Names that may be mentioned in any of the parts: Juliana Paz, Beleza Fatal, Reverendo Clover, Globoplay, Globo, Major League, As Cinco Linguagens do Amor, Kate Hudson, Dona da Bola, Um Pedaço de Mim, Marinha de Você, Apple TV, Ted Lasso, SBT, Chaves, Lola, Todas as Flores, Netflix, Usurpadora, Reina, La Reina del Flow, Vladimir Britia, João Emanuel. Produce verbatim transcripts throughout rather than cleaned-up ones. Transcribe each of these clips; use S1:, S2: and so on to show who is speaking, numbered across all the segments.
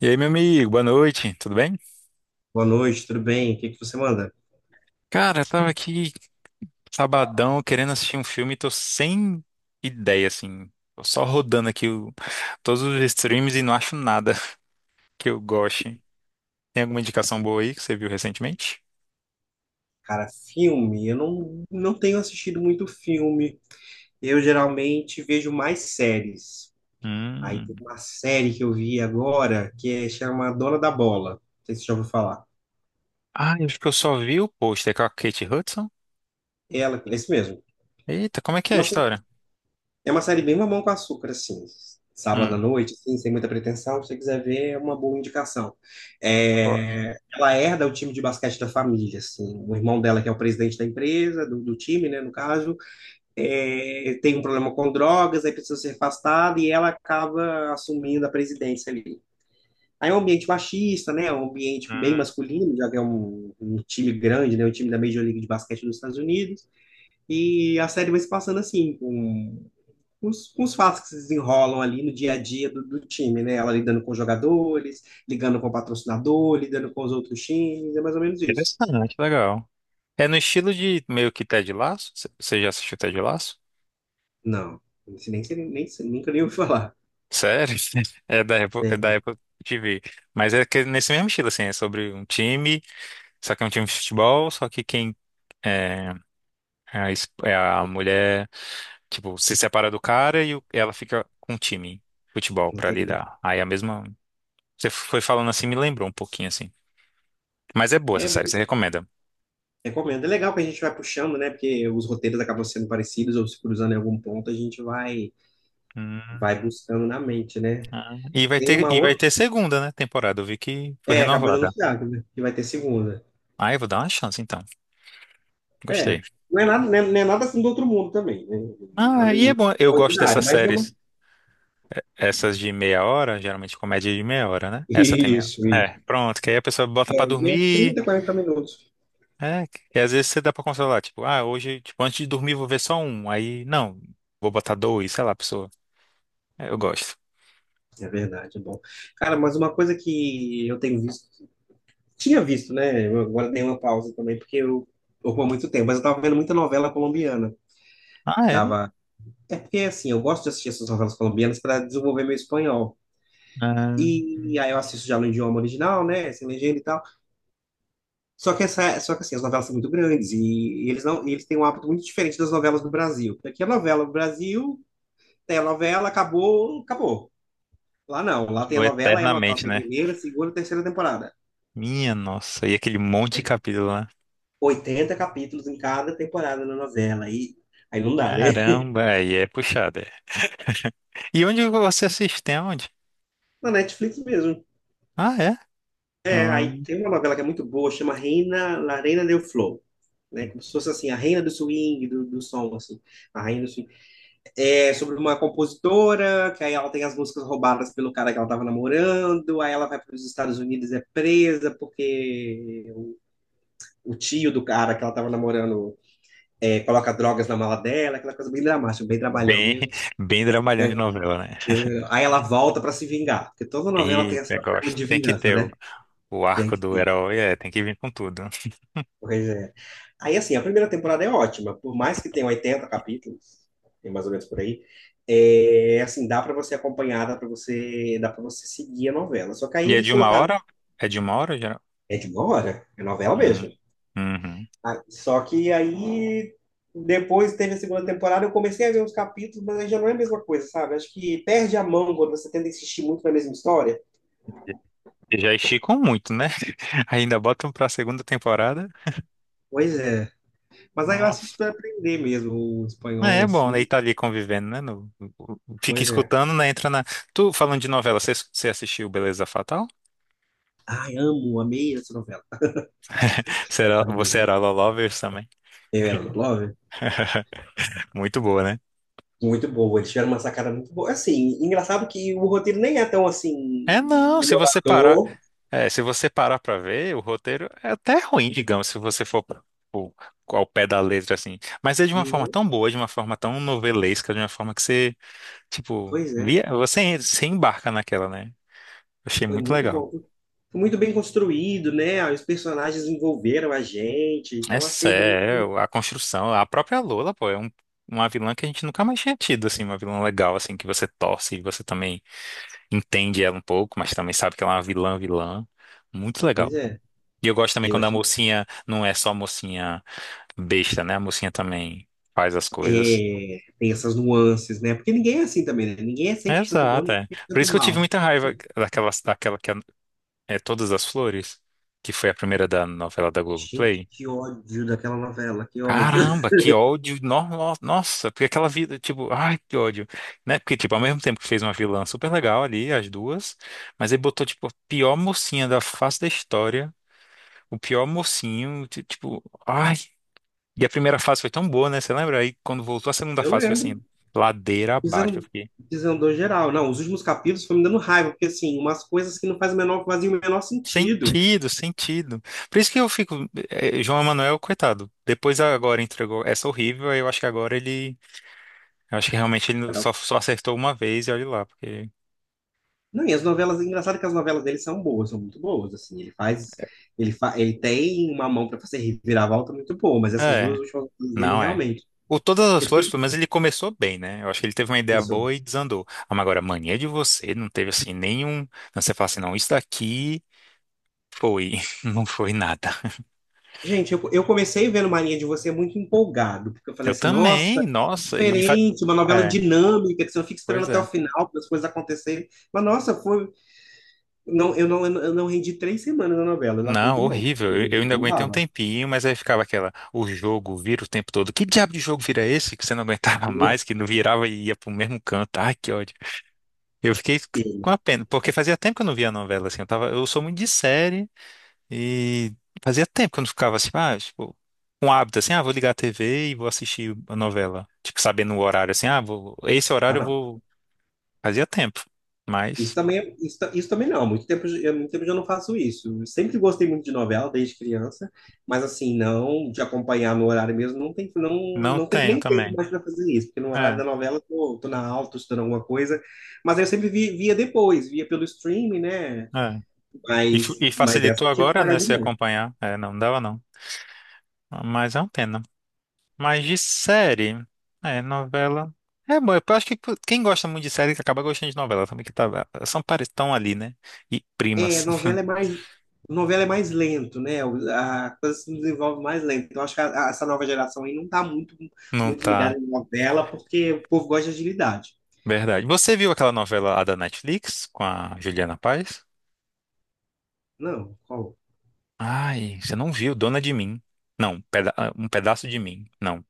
S1: E aí, meu amigo, boa noite, tudo bem?
S2: Boa noite, tudo bem? O que que você manda?
S1: Cara, eu tava aqui sabadão querendo assistir um filme e tô sem ideia, assim. Tô só rodando aqui o- todos os streams e não acho nada que eu goste. Tem alguma indicação boa aí que você viu recentemente?
S2: Cara, filme, eu não, não tenho assistido muito filme. Eu geralmente vejo mais séries. Aí tem
S1: Hum.
S2: uma série que eu vi agora que é, chama Dona da Bola. Não sei se você já ouviu falar.
S1: Ah, eu acho que eu só vi o pôster com a Kate Hudson.
S2: Ela, é isso mesmo.
S1: Eita, como é que é a
S2: Uma sé-
S1: história?
S2: É uma série bem mamão com açúcar, assim. Sábado
S1: Hum.
S2: à noite, assim, sem muita pretensão. Se você quiser ver, é uma boa indicação.
S1: Gosto.
S2: É, ela herda o time de basquete da família, assim. O irmão dela, que é o presidente da empresa, do, do time, né, no caso, é, tem um problema com drogas, aí precisa ser afastada e ela acaba assumindo a presidência ali. Aí é um ambiente machista, né? É um ambiente
S1: Hum.
S2: bem masculino, já que é um, um time grande, né? Um time da Major League de Basquete dos Estados Unidos. E a série vai se passando assim, com, com os, com os fatos que se desenrolam ali no dia a dia do, do time, né? Ela lidando com os jogadores, ligando com o patrocinador, lidando com os outros times, é mais ou menos isso.
S1: Interessante, legal. É no estilo de meio que Ted Lasso? Você você já assistiu Ted Lasso?
S2: Não, isso nem, sei- nem, sei- nunca nem ouvi falar.
S1: Sério? É da Apple, é
S2: É,
S1: da Apple T V. Mas é que nesse mesmo estilo, assim, é sobre um time, só que é um time de futebol, só que quem é é a, es- é a mulher, tipo, se separa do cara e o- ela fica com um time de futebol
S2: não
S1: pra
S2: tem.
S1: lidar. Aí a mesma. Você foi falando assim, me lembrou um pouquinho, assim. Mas é boa essa
S2: É,
S1: série, você recomenda.
S2: Recomendo. É legal que a gente vai puxando, né? Porque os roteiros acabam sendo parecidos ou se cruzando em algum ponto, a gente vai,
S1: Hum.
S2: vai buscando na mente, né?
S1: Ah. E vai
S2: Tem
S1: ter,
S2: uma
S1: e vai
S2: outra.
S1: ter segunda, né, temporada. Eu vi que foi
S2: É, acabou de
S1: renovada.
S2: anunciar que que vai ter segunda.
S1: Ah, eu vou dar uma chance, então.
S2: É.
S1: Gostei.
S2: Não é nada, não é, não é nada assim do outro mundo também, né?
S1: Ah,
S2: Nada
S1: é, e é
S2: muito
S1: bom. Eu gosto
S2: extraordinário,
S1: dessas
S2: mas é uma.
S1: séries. Essas de meia hora, geralmente comédia de meia hora, né? Essa tem meia.
S2: Isso, isso.
S1: É, pronto, que aí a pessoa bota pra
S2: É, né,
S1: dormir,
S2: trinta, quarenta minutos.
S1: é, e às vezes você dá pra controlar tipo, ah, hoje, tipo, antes de dormir vou ver só um, aí, não, vou botar dois, sei lá, a pessoa, é, eu gosto.
S2: É verdade, é bom. Cara, mas uma coisa que eu tenho visto, tinha visto, né? Eu agora dei uma pausa também, porque eu ocupo há muito tempo, mas eu tava vendo muita novela colombiana.
S1: Ah, é?
S2: Tava. É porque, assim, eu gosto de assistir essas novelas colombianas para desenvolver meu espanhol.
S1: Ah,
S2: E aí eu assisto já no idioma original, né? Sem legenda e tal. Só que, essa, só que assim, as novelas são muito grandes e, e eles não, e eles têm um hábito muito diferente das novelas do Brasil. Aqui a novela do Brasil, tem a novela, acabou, acabou. Lá não, lá tem
S1: eu
S2: a novela, aí a novela
S1: eternamente,
S2: tem
S1: né?
S2: primeira, segunda, terceira temporada.
S1: Minha nossa, e aquele monte de capítulo lá.
S2: Oitenta capítulos em cada temporada na novela. E aí não dá, né?
S1: Caramba, aí é puxado. É. E onde você assiste? Tem onde?
S2: Na Netflix mesmo.
S1: Ah, é?
S2: É, aí
S1: Hum.
S2: tem uma novela que é muito boa, chama Reina, La Reina del Flow. Né? Como se fosse assim, a reina do swing, do, do som, assim, a reina do swing. É sobre uma compositora, que aí ela tem as músicas roubadas pelo cara que ela estava namorando, aí ela vai para os Estados Unidos e é presa porque o, o tio do cara que ela estava namorando, é, coloca drogas na mala dela, aquela coisa bem dramática, bem trabalhão
S1: Bem,
S2: mesmo.
S1: bem dramalhão de
S2: Né?
S1: novela, né?
S2: Aí ela volta para se vingar, porque toda novela tem
S1: Eita,
S2: essa trama
S1: gosto.
S2: de
S1: Tem que
S2: vingança,
S1: ter.
S2: né?
S1: O
S2: Tem
S1: arco
S2: que
S1: do
S2: ter.
S1: herói é, tem que vir com tudo.
S2: Pois é. Aí, assim, a primeira temporada é ótima, por mais que tenha oitenta capítulos, tem mais ou menos por aí, é, assim, dá para você acompanhar, dá para você, dá para você seguir a novela. Só que aí
S1: E é
S2: eles
S1: de uma
S2: colocaram,
S1: hora? É de uma hora, geral?
S2: é de uma hora, é novela
S1: Hum.
S2: mesmo.
S1: Uhum.
S2: Ah, só que aí, depois teve a segunda temporada, eu comecei a ver uns capítulos, mas aí já não é a mesma coisa, sabe? Acho que perde a mão quando você tenta insistir muito na mesma história.
S1: E já esticam muito, né? Ainda botam pra segunda temporada.
S2: Pois é. Mas aí eu assisto
S1: Nossa.
S2: para aprender mesmo o
S1: É,
S2: espanhol,
S1: é bom, né? E
S2: assim.
S1: tá ali convivendo, né? No, o- o- fica
S2: Pois é.
S1: escutando, né? Entra na. Tu falando de novela, você, você assistiu Beleza Fatal?
S2: Ai, amo, amei essa
S1: Você era, você
S2: novela.
S1: era Lala Lovers também?
S2: Reverendo Clover,
S1: Muito boa, né?
S2: muito boa. Eles tiveram uma sacada muito boa. Assim, engraçado que o roteiro nem é tão assim
S1: É, não, se você parar.
S2: inovador.
S1: É, se você parar pra ver, o roteiro é até ruim, digamos, se você for pro- ao pé da letra, assim. Mas é de uma forma
S2: Uhum.
S1: tão boa, de uma forma tão novelesca, de uma forma que você, tipo,
S2: Pois é,
S1: via, você, você embarca naquela, né? Achei
S2: foi
S1: muito
S2: muito
S1: legal.
S2: bom. Foi muito bem construído, né? Os personagens envolveram a gente,
S1: É
S2: então achei bem.
S1: sério, a construção, a própria Lola, pô, é um- uma vilã que a gente nunca mais tinha tido, assim, uma vilã legal, assim, que você torce e você também entende ela um pouco, mas também sabe que ela é uma vilã, vilã. Muito legal,
S2: Pois
S1: pô.
S2: é,
S1: E eu gosto também
S2: eu
S1: quando a
S2: achei.
S1: mocinha não é só mocinha besta, né? A mocinha também faz as coisas.
S2: É, tem essas nuances, né? Porque ninguém é assim também, né? Ninguém é
S1: É,
S2: cem por cento bom,
S1: exato,
S2: ninguém
S1: é.
S2: é cem por
S1: Por isso
S2: cento
S1: que eu tive
S2: mal.
S1: muita raiva daquela, daquela que é, é Todas as Flores, que foi a primeira da novela da
S2: Gente,
S1: Globoplay.
S2: que ódio daquela novela, que ódio.
S1: Caramba, que ódio! no- no- Nossa, porque aquela vida, tipo, ai, que ódio, né? Porque, tipo, ao mesmo tempo que fez uma vilã super legal ali, as duas, mas ele botou, tipo, a pior mocinha da face da história, o pior mocinho, ti- tipo, ai. E a primeira fase foi tão boa, né? Você lembra? Aí, quando voltou a segunda
S2: Eu
S1: fase, foi assim,
S2: lembro.
S1: ladeira abaixo.
S2: Desandou, desandou geral. Não, os últimos capítulos foram me dando raiva, porque assim, umas coisas que não fazem o menor, fazem o menor sentido.
S1: Sentido, sentido. Por isso que eu fico. eh, João Emanuel, coitado. Depois agora entregou essa horrível, aí eu acho que agora ele. Eu acho que realmente ele
S2: Era-
S1: só, só acertou uma vez e olha lá, porque.
S2: Não, e as novelas, é engraçado que as novelas dele são boas, são muito boas, assim, ele faz, ele, fa, ele tem uma mão para fazer reviravolta muito boa, mas essas duas
S1: É,
S2: últimas coisas dele
S1: não é.
S2: realmente,
S1: O Todas as
S2: eu
S1: Flores,
S2: fiquei
S1: pelo menos ele começou bem, né? Eu acho que ele teve uma
S2: com
S1: ideia
S2: isso.
S1: boa e desandou. Ah, mas agora, mania de você, não teve assim nenhum. Não, você fala assim, não, isso daqui foi. Não foi nada.
S2: Gente, eu, eu comecei vendo Marinha de Você é muito empolgado, porque eu falei
S1: Eu
S2: assim, nossa,
S1: também, nossa, e. fa-
S2: diferente, uma novela
S1: É,
S2: dinâmica, que você não fica esperando
S1: pois
S2: até o
S1: é.
S2: final para as coisas acontecerem, mas nossa, foi. Não, eu não, eu não rendi três semanas na novela, eu larguei
S1: Não,
S2: de mão.
S1: horrível. Eu, eu
S2: Entendeu?
S1: ainda
S2: Não
S1: aguentei um
S2: dava.
S1: tempinho, mas aí ficava aquela, o jogo vira o tempo todo. Que diabo de jogo vira esse que você não aguentava
S2: Eu
S1: mais, que não virava e ia pro mesmo canto? Ai, que ódio. Eu fiquei com
S2: não
S1: a pena, porque fazia tempo que eu não via novela assim. Eu tava, eu sou muito de série e fazia tempo que eu não ficava assim, ah, tipo, com hábito assim, ah, vou ligar a T V e vou assistir a novela. Tipo, sabendo o horário assim, ah, vou, esse horário eu
S2: dava.
S1: vou. Fazia tempo,
S2: Isso
S1: mas
S2: também, é- isso, ta- isso também não. Há muito tempo, eu, há muito tempo eu já não faço isso. Eu sempre gostei muito de novela, desde criança, mas assim, não, de acompanhar no horário mesmo, não tem, não,
S1: não
S2: não tem
S1: tenho
S2: nem tempo
S1: também.
S2: mais para fazer isso, porque no horário
S1: É,
S2: da novela eu tô, tô na aula, tô estudando alguma coisa, mas eu sempre vi- via depois, via pelo streaming, né?
S1: é. E, fu-
S2: Mas,
S1: e
S2: mas essa
S1: facilitou
S2: eu tive que
S1: agora,
S2: pagar
S1: né,
S2: de
S1: se
S2: mão.
S1: acompanhar. É, não dava não. Mas é uma pena. Mas de série, é, novela. É bom, eu acho que quem gosta muito de série acaba gostando de novela também, que tá, são pare- tão ali, né? E
S2: É,
S1: primas.
S2: novela é mais, novela é mais lento, né? O- A coisa se desenvolve mais lento. Então, acho que a- a- essa nova geração aí não tá muito,
S1: Não
S2: muito
S1: tá.
S2: ligada em novela, porque o povo gosta de agilidade.
S1: Verdade. Você viu aquela novela lá da Netflix com a Juliana Paz?
S2: Não, qual?
S1: Ai, você não viu Dona de Mim. Não, peda- ah, Um Pedaço de Mim. Não,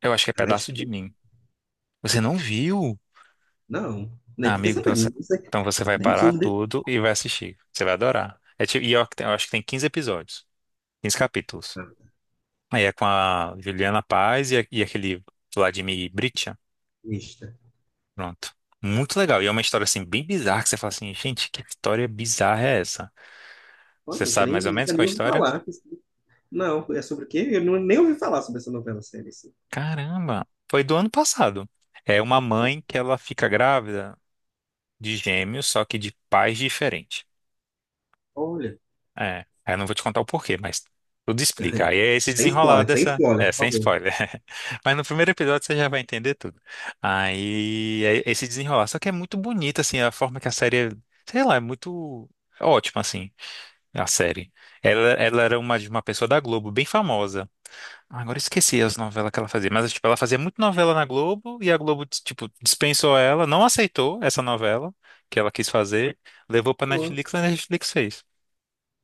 S1: eu acho que é
S2: A
S1: Pedaço de
S2: Netflix?
S1: Mim. Você não viu?
S2: Não, nem
S1: Ah,
S2: fiquei
S1: amigo, então você,
S2: sabendo. Não sei,
S1: então você vai
S2: nem
S1: parar
S2: sobre.
S1: tudo e vai assistir. Você vai adorar. É tipo, e eu, ac- eu acho que tem quinze episódios, quinze capítulos.
S2: Ah,
S1: Aí é com a Juliana Paz e, a- e aquele Vladimir Britia.
S2: Mista.
S1: Pronto. Muito legal. E é uma história assim bem bizarra que você fala assim, gente, que história bizarra é essa?
S2: Pô,
S1: Você
S2: gente,
S1: sabe
S2: nem,
S1: mais ou menos
S2: nunca
S1: qual
S2: nem
S1: é a
S2: ouvi
S1: história?
S2: falar. Não, é sobre o quê? Eu não, nem ouvi falar sobre essa novela série. Assim.
S1: Caramba, foi do ano passado. É uma mãe que ela fica grávida de gêmeos, só que de pais diferentes.
S2: Olha.
S1: É, eu não vou te contar o porquê, mas tudo explica. Aí é esse
S2: Sem
S1: desenrolar
S2: spoiler, sem
S1: dessa.
S2: spoiler,
S1: É, sem
S2: por favor.
S1: spoiler. Mas no primeiro episódio você já vai entender tudo. Aí é esse desenrolar. Só que é muito bonito, assim, a forma que a série. É. Sei lá, é muito ótima, assim, a série. Ela, ela era uma de uma pessoa da Globo, bem famosa. Ah, agora eu esqueci as novelas que ela fazia. Mas, tipo, ela fazia muito novela na Globo e a Globo, tipo, dispensou ela, não aceitou essa novela que ela quis fazer, levou pra Netflix e a Netflix fez.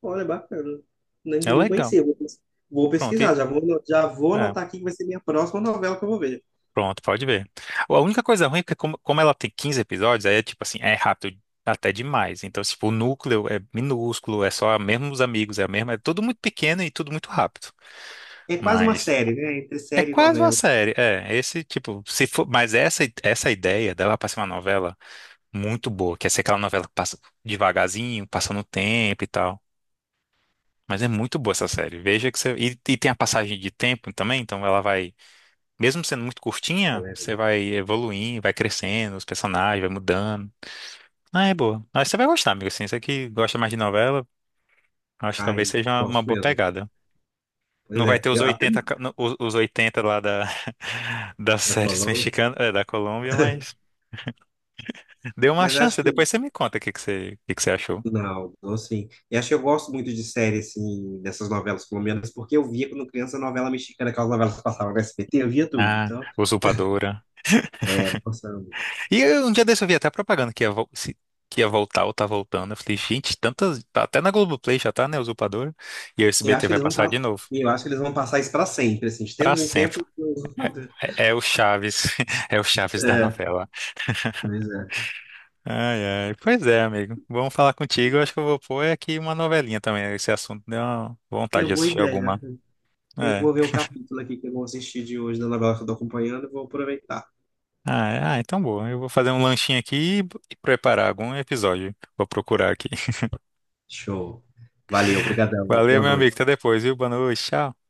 S2: Olha, bacana. Nem,
S1: É
S2: nem
S1: legal.
S2: conhecia. Vou pes- vou
S1: Pronto.
S2: pesquisar, já vou, ano- já vou
S1: É,
S2: anotar aqui que vai ser minha próxima novela que eu vou ver.
S1: pronto, pode ver. A única coisa ruim é que como, como ela tem quinze episódios, aí é tipo assim, é rápido até demais. Então, tipo, o núcleo é minúsculo, é só mesmo os amigos, é a mesma, é tudo muito pequeno e tudo muito rápido.
S2: É quase uma
S1: Mas
S2: série, né? Entre
S1: é
S2: série e
S1: quase uma
S2: novela.
S1: série, é, esse tipo, se for, mas essa essa ideia dela para ser uma novela muito boa, que é ser aquela novela que passa devagarzinho, passando o tempo e tal. Mas é muito boa essa série. Veja que você e, e tem a passagem de tempo também, então ela vai mesmo sendo muito curtinha,
S2: Acelera.
S1: você vai evoluindo, vai crescendo, os personagens, vai mudando. Ah, é boa. Acho que você vai gostar, amigo. Assim, você que gosta mais de novela, acho que talvez
S2: Cai,
S1: seja uma
S2: gosto
S1: boa
S2: mesmo.
S1: pegada.
S2: Pois
S1: Não vai
S2: é.
S1: ter os
S2: Eu até
S1: oitenta
S2: não-
S1: ca- no- os os oitenta lá da, das
S2: na
S1: séries
S2: Colômbia,
S1: mexicanas, é, da Colômbia, mas dê uma
S2: mas
S1: chance.
S2: acho que.
S1: Depois você me conta o que que você, o que que você achou.
S2: Não, não, então, assim. E acho que eu gosto muito de série, assim, dessas novelas colombianas, porque eu via quando criança novela mexicana, aquelas novelas que passavam no S B T, eu via tudo.
S1: Ah,
S2: Então,
S1: Usurpadora.
S2: é, passando.
S1: E eu, um dia desse eu vi até a propaganda que ia, vol- se- que ia voltar ou tá voltando. Eu falei, gente, tantas. Tá. Até na Globoplay já tá, né? Usurpadora. E o
S2: Eu
S1: S B T
S2: acho que
S1: vai
S2: eles vão,
S1: passar de
S2: pa-
S1: novo.
S2: eu acho que eles vão passar isso pra sempre, assim, de
S1: Pra
S2: tempos em
S1: sempre.
S2: tempos. eu-
S1: É, é o Chaves. É o Chaves da
S2: É,
S1: novela.
S2: pois é.
S1: Ai, ai. Pois é, amigo. Vamos falar contigo. Eu acho que eu vou pôr aqui uma novelinha também. Esse assunto deu uma
S2: É
S1: vontade de
S2: uma boa
S1: assistir
S2: ideia.
S1: alguma.
S2: Eu
S1: É.
S2: vou ver o capítulo aqui que eu vou assistir de hoje da novela que eu tô acompanhando e vou aproveitar.
S1: Ah, é- ah, então boa. Eu vou fazer um lanchinho aqui e e preparar algum episódio. Vou procurar aqui.
S2: Show. Valeu, obrigadão.
S1: Valeu,
S2: Boa
S1: meu amigo.
S2: noite.
S1: Até depois, viu? Boa noite. Tchau.